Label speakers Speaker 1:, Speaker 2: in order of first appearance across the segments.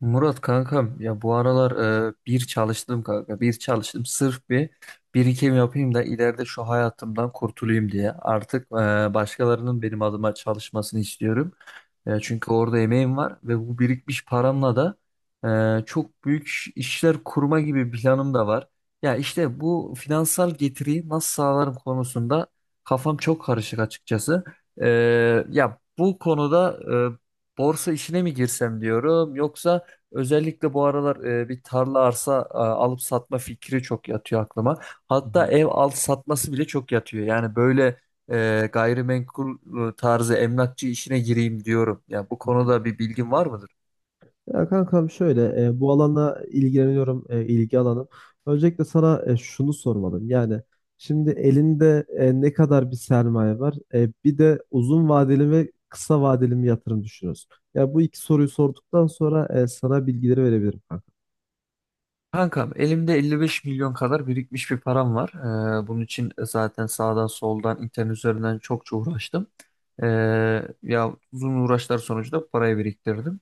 Speaker 1: Murat kankam, ya bu aralar bir çalıştım kanka, bir çalıştım sırf bir birikim yapayım da ileride şu hayatımdan kurtulayım diye. Artık başkalarının benim adıma çalışmasını istiyorum. Çünkü orada emeğim var ve bu birikmiş paramla da çok büyük işler kurma gibi bir planım da var. Ya işte bu finansal getiriyi nasıl sağlarım konusunda kafam çok karışık açıkçası. E, Ya bu konuda borsa işine mi girsem diyorum, yoksa özellikle bu aralar bir tarla, arsa alıp satma fikri çok yatıyor aklıma.
Speaker 2: Hı
Speaker 1: Hatta
Speaker 2: hı,
Speaker 1: ev al satması bile çok yatıyor. Yani böyle gayrimenkul tarzı emlakçı işine gireyim diyorum. Ya bu
Speaker 2: hı hı.
Speaker 1: konuda bir bilgin var mıdır?
Speaker 2: Ya kankam şöyle bu alana ilgileniyorum ilgi alanım. Öncelikle sana şunu sormalım. Yani şimdi elinde ne kadar bir sermaye var? Bir de uzun vadeli ve kısa vadeli mi yatırım düşünüyorsun? Ya bu iki soruyu sorduktan sonra sana bilgileri verebilirim kanka.
Speaker 1: Kankam, elimde 55 milyon kadar birikmiş bir param var. Bunun için zaten sağdan soldan internet üzerinden çokça uğraştım. E, Ya uzun uğraşlar sonucu da parayı biriktirdim.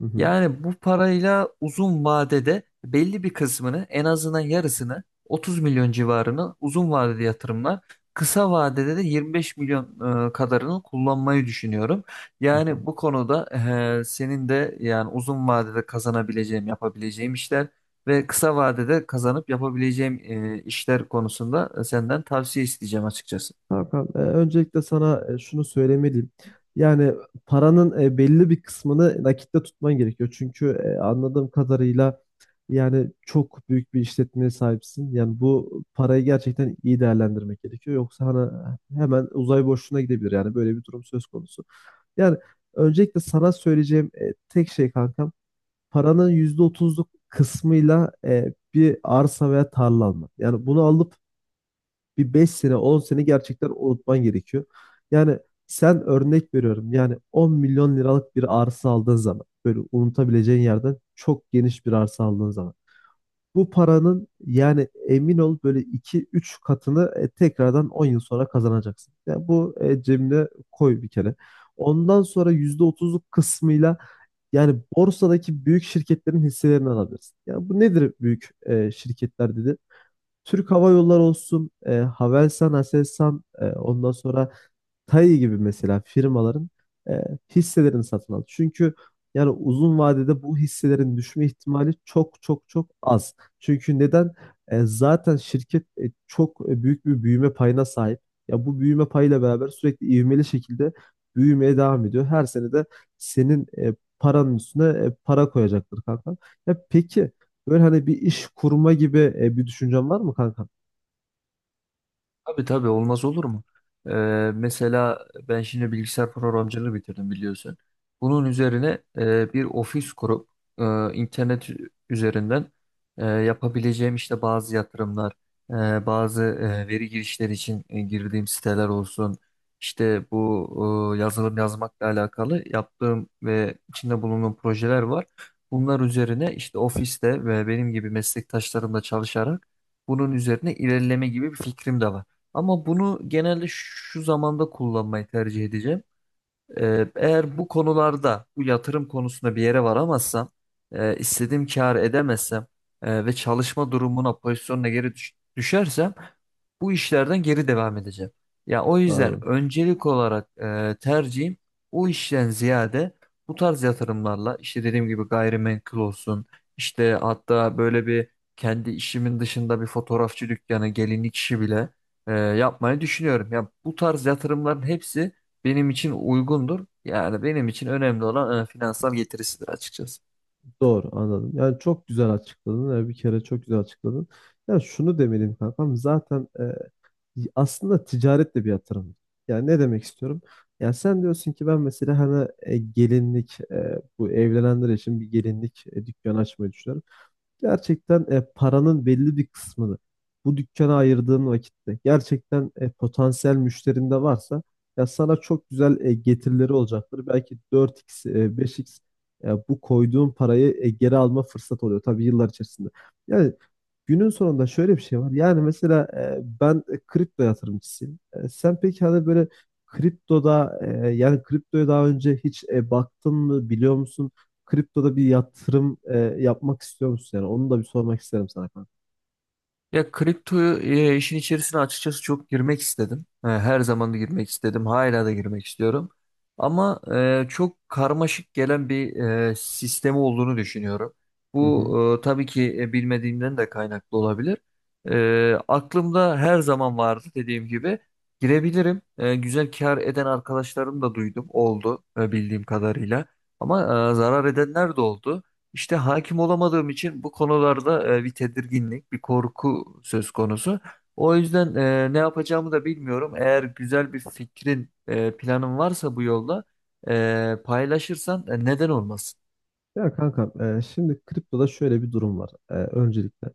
Speaker 2: Hı hı,
Speaker 1: Yani bu parayla uzun vadede belli bir kısmını, en azından yarısını, 30 milyon civarını uzun vadede yatırımlar, kısa vadede de 25 milyon kadarını kullanmayı düşünüyorum.
Speaker 2: hı hı.
Speaker 1: Yani bu konuda senin de, yani uzun vadede kazanabileceğim, yapabileceğim işler ve kısa vadede kazanıp yapabileceğim işler konusunda senden tavsiye isteyeceğim açıkçası.
Speaker 2: Hakan, öncelikle sana şunu söylemeliyim. Yani paranın belli bir kısmını nakitte tutman gerekiyor. Çünkü anladığım kadarıyla yani çok büyük bir işletmeye sahipsin. Yani bu parayı gerçekten iyi değerlendirmek gerekiyor. Yoksa hani hemen uzay boşluğuna gidebilir. Yani böyle bir durum söz konusu. Yani öncelikle sana söyleyeceğim tek şey kankam, paranın %30'luk kısmıyla bir arsa veya tarla almak. Yani bunu alıp bir 5 sene 10 sene gerçekten unutman gerekiyor. Yani sen örnek veriyorum yani 10 milyon liralık bir arsa aldığın zaman böyle unutabileceğin yerden çok geniş bir arsa aldığın zaman bu paranın yani emin ol böyle iki üç katını tekrardan 10 yıl sonra kazanacaksın. Yani bu cebine koy bir kere. Ondan sonra %30'luk kısmıyla yani borsadaki büyük şirketlerin hisselerini alabilirsin. Yani bu nedir büyük şirketler dedi? Türk Hava Yolları olsun, Havelsan, Aselsan, ondan sonra Tayy gibi mesela firmaların e, hisselerini satın al. Çünkü yani uzun vadede bu hisselerin düşme ihtimali çok çok çok az. Çünkü neden? Zaten şirket çok büyük bir büyüme payına sahip. Ya bu büyüme payıyla beraber sürekli ivmeli şekilde büyümeye devam ediyor. Her sene de senin paranın üstüne para koyacaktır kanka. Ya peki böyle hani bir iş kurma gibi bir düşüncen var mı kanka?
Speaker 1: Tabii tabii, olmaz olur mu? Ee, Mesela ben şimdi bilgisayar programcılığı bitirdim, biliyorsun. Bunun üzerine bir ofis kurup e, internet üzerinden yapabileceğim işte bazı yatırımlar, bazı veri girişleri için girdiğim siteler olsun. İşte bu yazılım yazmakla alakalı yaptığım ve içinde bulunduğum projeler var. Bunlar üzerine işte ofiste ve benim gibi meslektaşlarımla çalışarak bunun üzerine ilerleme gibi bir fikrim de var. Ama bunu genelde şu zamanda kullanmayı tercih edeceğim. Eğer bu konularda, bu yatırım konusunda bir yere varamazsam, istediğim kar edemezsem ve çalışma durumuna, pozisyonuna geri düşersem bu işlerden geri devam edeceğim. Ya o yüzden
Speaker 2: Aynen.
Speaker 1: öncelik olarak tercihim o işten ziyade bu tarz yatırımlarla, işte dediğim gibi gayrimenkul olsun, işte hatta böyle bir kendi işimin dışında bir fotoğrafçı dükkanı, gelinlik işi bile yapmayı düşünüyorum. Ya bu tarz yatırımların hepsi benim için uygundur. Yani benim için önemli olan finansal getirisidir açıkçası.
Speaker 2: Doğru anladım. Yani çok güzel açıkladın. Yani bir kere çok güzel açıkladın. Yani şunu demeliyim kankam. Zaten aslında ticaret de bir yatırım. Yani ne demek istiyorum? Yani sen diyorsun ki ben mesela hani gelinlik bu evlenenler için bir gelinlik dükkanı açmayı düşünüyorum. Gerçekten paranın belli bir kısmını bu dükkana ayırdığın vakitte gerçekten potansiyel müşterin de varsa ya sana çok güzel getirileri olacaktır. Belki 4x, 5x bu koyduğun parayı geri alma fırsatı oluyor tabii yıllar içerisinde. Yani günün sonunda şöyle bir şey var. Yani mesela ben kripto yatırımcısıyım. Sen peki hani böyle kriptoda yani kriptoya daha önce hiç baktın mı biliyor musun? Kriptoda bir yatırım yapmak istiyor musun yani? Onu da bir sormak isterim sana kanka.
Speaker 1: Ya kripto işin içerisine açıkçası çok girmek istedim. E, her zaman da girmek istedim. Hala da girmek istiyorum. Ama çok karmaşık gelen bir sistemi olduğunu düşünüyorum.
Speaker 2: Hı
Speaker 1: Bu
Speaker 2: hı.
Speaker 1: tabii ki bilmediğimden de kaynaklı olabilir. Aklımda her zaman vardı, dediğim gibi. Girebilirim. E, güzel kar eden arkadaşlarım da duydum. Oldu, bildiğim kadarıyla. Ama zarar edenler de oldu. İşte hakim olamadığım için bu konularda bir tedirginlik, bir korku söz konusu. O yüzden ne yapacağımı da bilmiyorum. Eğer güzel bir fikrin, planın varsa bu yolda paylaşırsan, neden olmasın?
Speaker 2: Ya kankam şimdi kriptoda şöyle bir durum var öncelikle.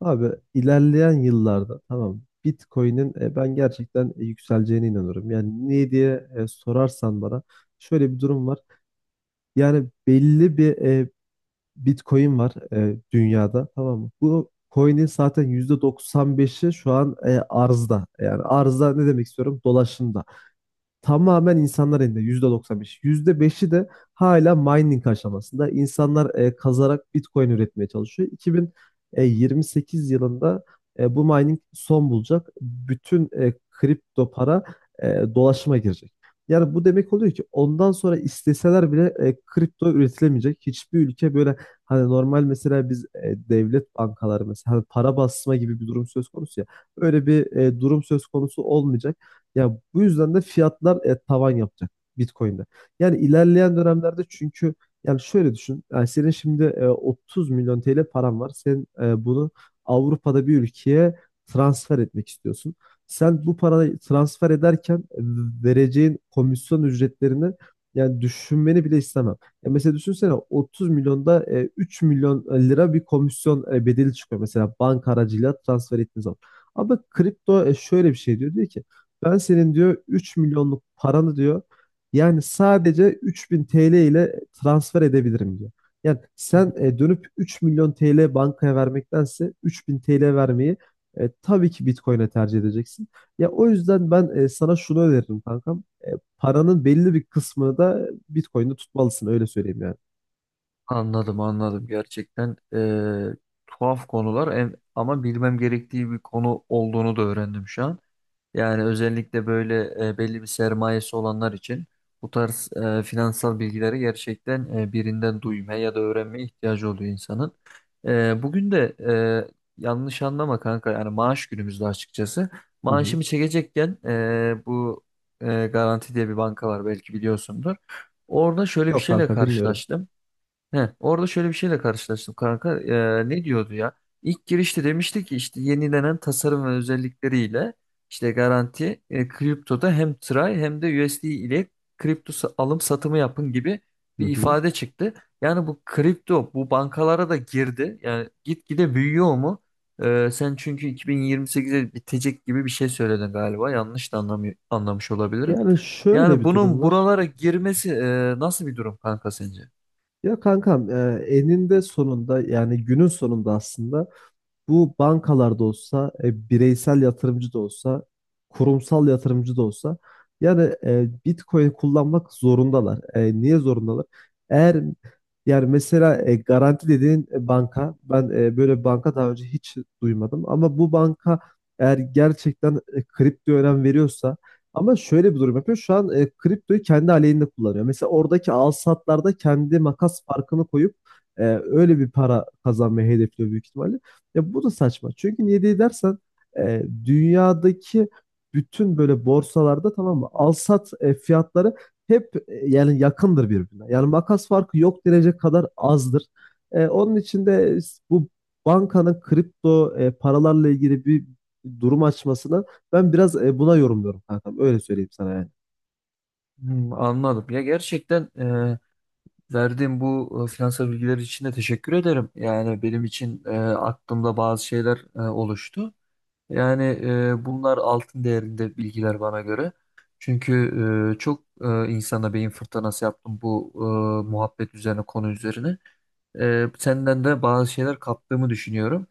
Speaker 2: Abi ilerleyen yıllarda tamam mı, Bitcoin'in ben gerçekten yükseleceğine inanıyorum. Yani niye diye sorarsan bana şöyle bir durum var. Yani belli bir Bitcoin var dünyada tamam mı? Bu coin'in zaten %95'i şu an arzda. Yani arzda ne demek istiyorum? Dolaşımda. Tamamen insanlar elinde %95. %5'i de hala mining aşamasında. İnsanlar kazarak Bitcoin üretmeye çalışıyor. 2028 yılında bu mining son bulacak. Bütün kripto para dolaşıma girecek. Yani bu demek oluyor ki ondan sonra isteseler bile kripto üretilemeyecek. Hiçbir ülke böyle hani normal mesela biz devlet bankaları mesela hani para basma gibi bir durum söz konusu ya. Öyle bir durum söz konusu olmayacak. Ya bu yüzden de fiyatlar tavan yapacak Bitcoin'de. Yani ilerleyen dönemlerde çünkü yani şöyle düşün. Yani senin şimdi 30 milyon TL paran var. Sen bunu Avrupa'da bir ülkeye transfer etmek istiyorsun. Sen bu parayı transfer ederken vereceğin komisyon ücretlerini yani düşünmeni bile istemem. Ya mesela düşünsene 30 milyonda 3 milyon lira bir komisyon bedeli çıkıyor mesela banka aracıyla transfer ettiğiniz zaman. Ama kripto şöyle bir şey diyor. Diyor ki ben senin diyor 3 milyonluk paranı diyor yani sadece 3.000 TL ile transfer edebilirim diyor. Yani
Speaker 1: Hı
Speaker 2: sen
Speaker 1: hı.
Speaker 2: dönüp 3 milyon TL bankaya vermektense 3.000 TL vermeyi tabii ki Bitcoin'e tercih edeceksin. Ya o yüzden ben sana şunu öneririm kankam. Paranın belli bir kısmını da Bitcoin'de tutmalısın öyle söyleyeyim yani.
Speaker 1: Anladım, anladım. Gerçekten tuhaf konular, ama bilmem gerektiği bir konu olduğunu da öğrendim şu an. Yani özellikle böyle belli bir sermayesi olanlar için bu tarz finansal bilgileri gerçekten birinden duymaya ya da öğrenmeye ihtiyacı oluyor insanın. Bugün de yanlış anlama kanka, yani maaş günümüzde açıkçası.
Speaker 2: Hı hı.
Speaker 1: Maaşımı çekecekken bu Garanti diye bir banka var, belki biliyorsundur. Orada şöyle bir
Speaker 2: Yok
Speaker 1: şeyle
Speaker 2: kanka bilmiyorum.
Speaker 1: karşılaştım. He, orada şöyle bir şeyle karşılaştım kanka. Ne diyordu ya? İlk girişte demişti ki işte yenilenen tasarım ve özellikleriyle işte garanti kriptoda hem TRY hem de USD ile kripto alım satımı yapın gibi
Speaker 2: Hı
Speaker 1: bir
Speaker 2: hı.
Speaker 1: ifade çıktı. Yani bu kripto bu bankalara da girdi. Yani gitgide büyüyor mu? Sen çünkü 2028'e bitecek gibi bir şey söyledin galiba. Yanlış da anlamış olabilirim.
Speaker 2: Yani şöyle
Speaker 1: Yani
Speaker 2: bir durum
Speaker 1: bunun
Speaker 2: var.
Speaker 1: buralara girmesi nasıl bir durum kanka sence?
Speaker 2: Ya kankam eninde sonunda yani günün sonunda aslında bu bankalarda olsa, bireysel yatırımcı da olsa, kurumsal yatırımcı da olsa yani Bitcoin kullanmak zorundalar. Niye zorundalar? Eğer yani mesela Garanti dediğin banka, ben böyle bir banka daha önce hiç duymadım ama bu banka eğer gerçekten kriptoya önem veriyorsa ama şöyle bir durum yapıyor. Şu an kriptoyu kendi aleyhinde kullanıyor. Mesela oradaki al satlarda kendi makas farkını koyup öyle bir para kazanmayı hedefliyor büyük ihtimalle. Ya bu da saçma. Çünkü niye diye dersen dünyadaki bütün böyle borsalarda tamam mı? Alsat fiyatları hep yani yakındır birbirine. Yani makas farkı yok denecek kadar azdır. Onun için de bu bankanın kripto paralarla ilgili bir durum açmasını ben biraz buna yorumluyorum kankam. Öyle söyleyeyim sana yani.
Speaker 1: Hmm, anladım. Ya gerçekten verdiğim bu finansal bilgiler için de teşekkür ederim. Yani benim için aklımda bazı şeyler oluştu. Yani bunlar altın değerinde bilgiler bana göre. Çünkü çok insana beyin fırtınası yaptım bu muhabbet üzerine, konu üzerine. Senden de bazı şeyler kaptığımı düşünüyorum.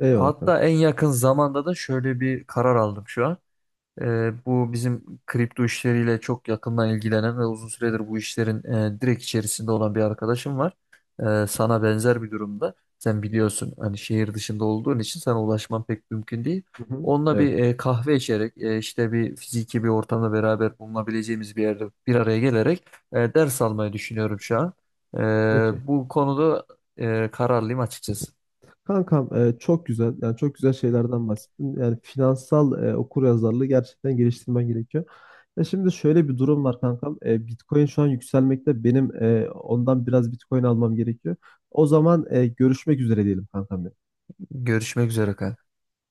Speaker 2: Eyvallah
Speaker 1: Hatta
Speaker 2: kanka.
Speaker 1: en yakın zamanda da şöyle bir karar aldım şu an. Bu bizim kripto işleriyle çok yakından ilgilenen ve uzun süredir bu işlerin direkt içerisinde olan bir arkadaşım var. Sana benzer bir durumda. Sen biliyorsun, hani şehir dışında olduğun için sana ulaşman pek mümkün değil.
Speaker 2: Hı hı.
Speaker 1: Onunla bir
Speaker 2: Evet.
Speaker 1: kahve içerek, işte bir fiziki bir ortamda beraber bulunabileceğimiz bir yerde bir araya gelerek ders almayı düşünüyorum şu an.
Speaker 2: Okey.
Speaker 1: Bu konuda kararlıyım açıkçası.
Speaker 2: Kankam çok güzel yani çok güzel şeylerden bahsettin. Yani finansal okuryazarlığı gerçekten geliştirmen gerekiyor. Ya şimdi şöyle bir durum var kankam. Bitcoin şu an yükselmekte. Benim ondan biraz Bitcoin almam gerekiyor. O zaman görüşmek üzere diyelim kankam.
Speaker 1: Görüşmek üzere, kanka.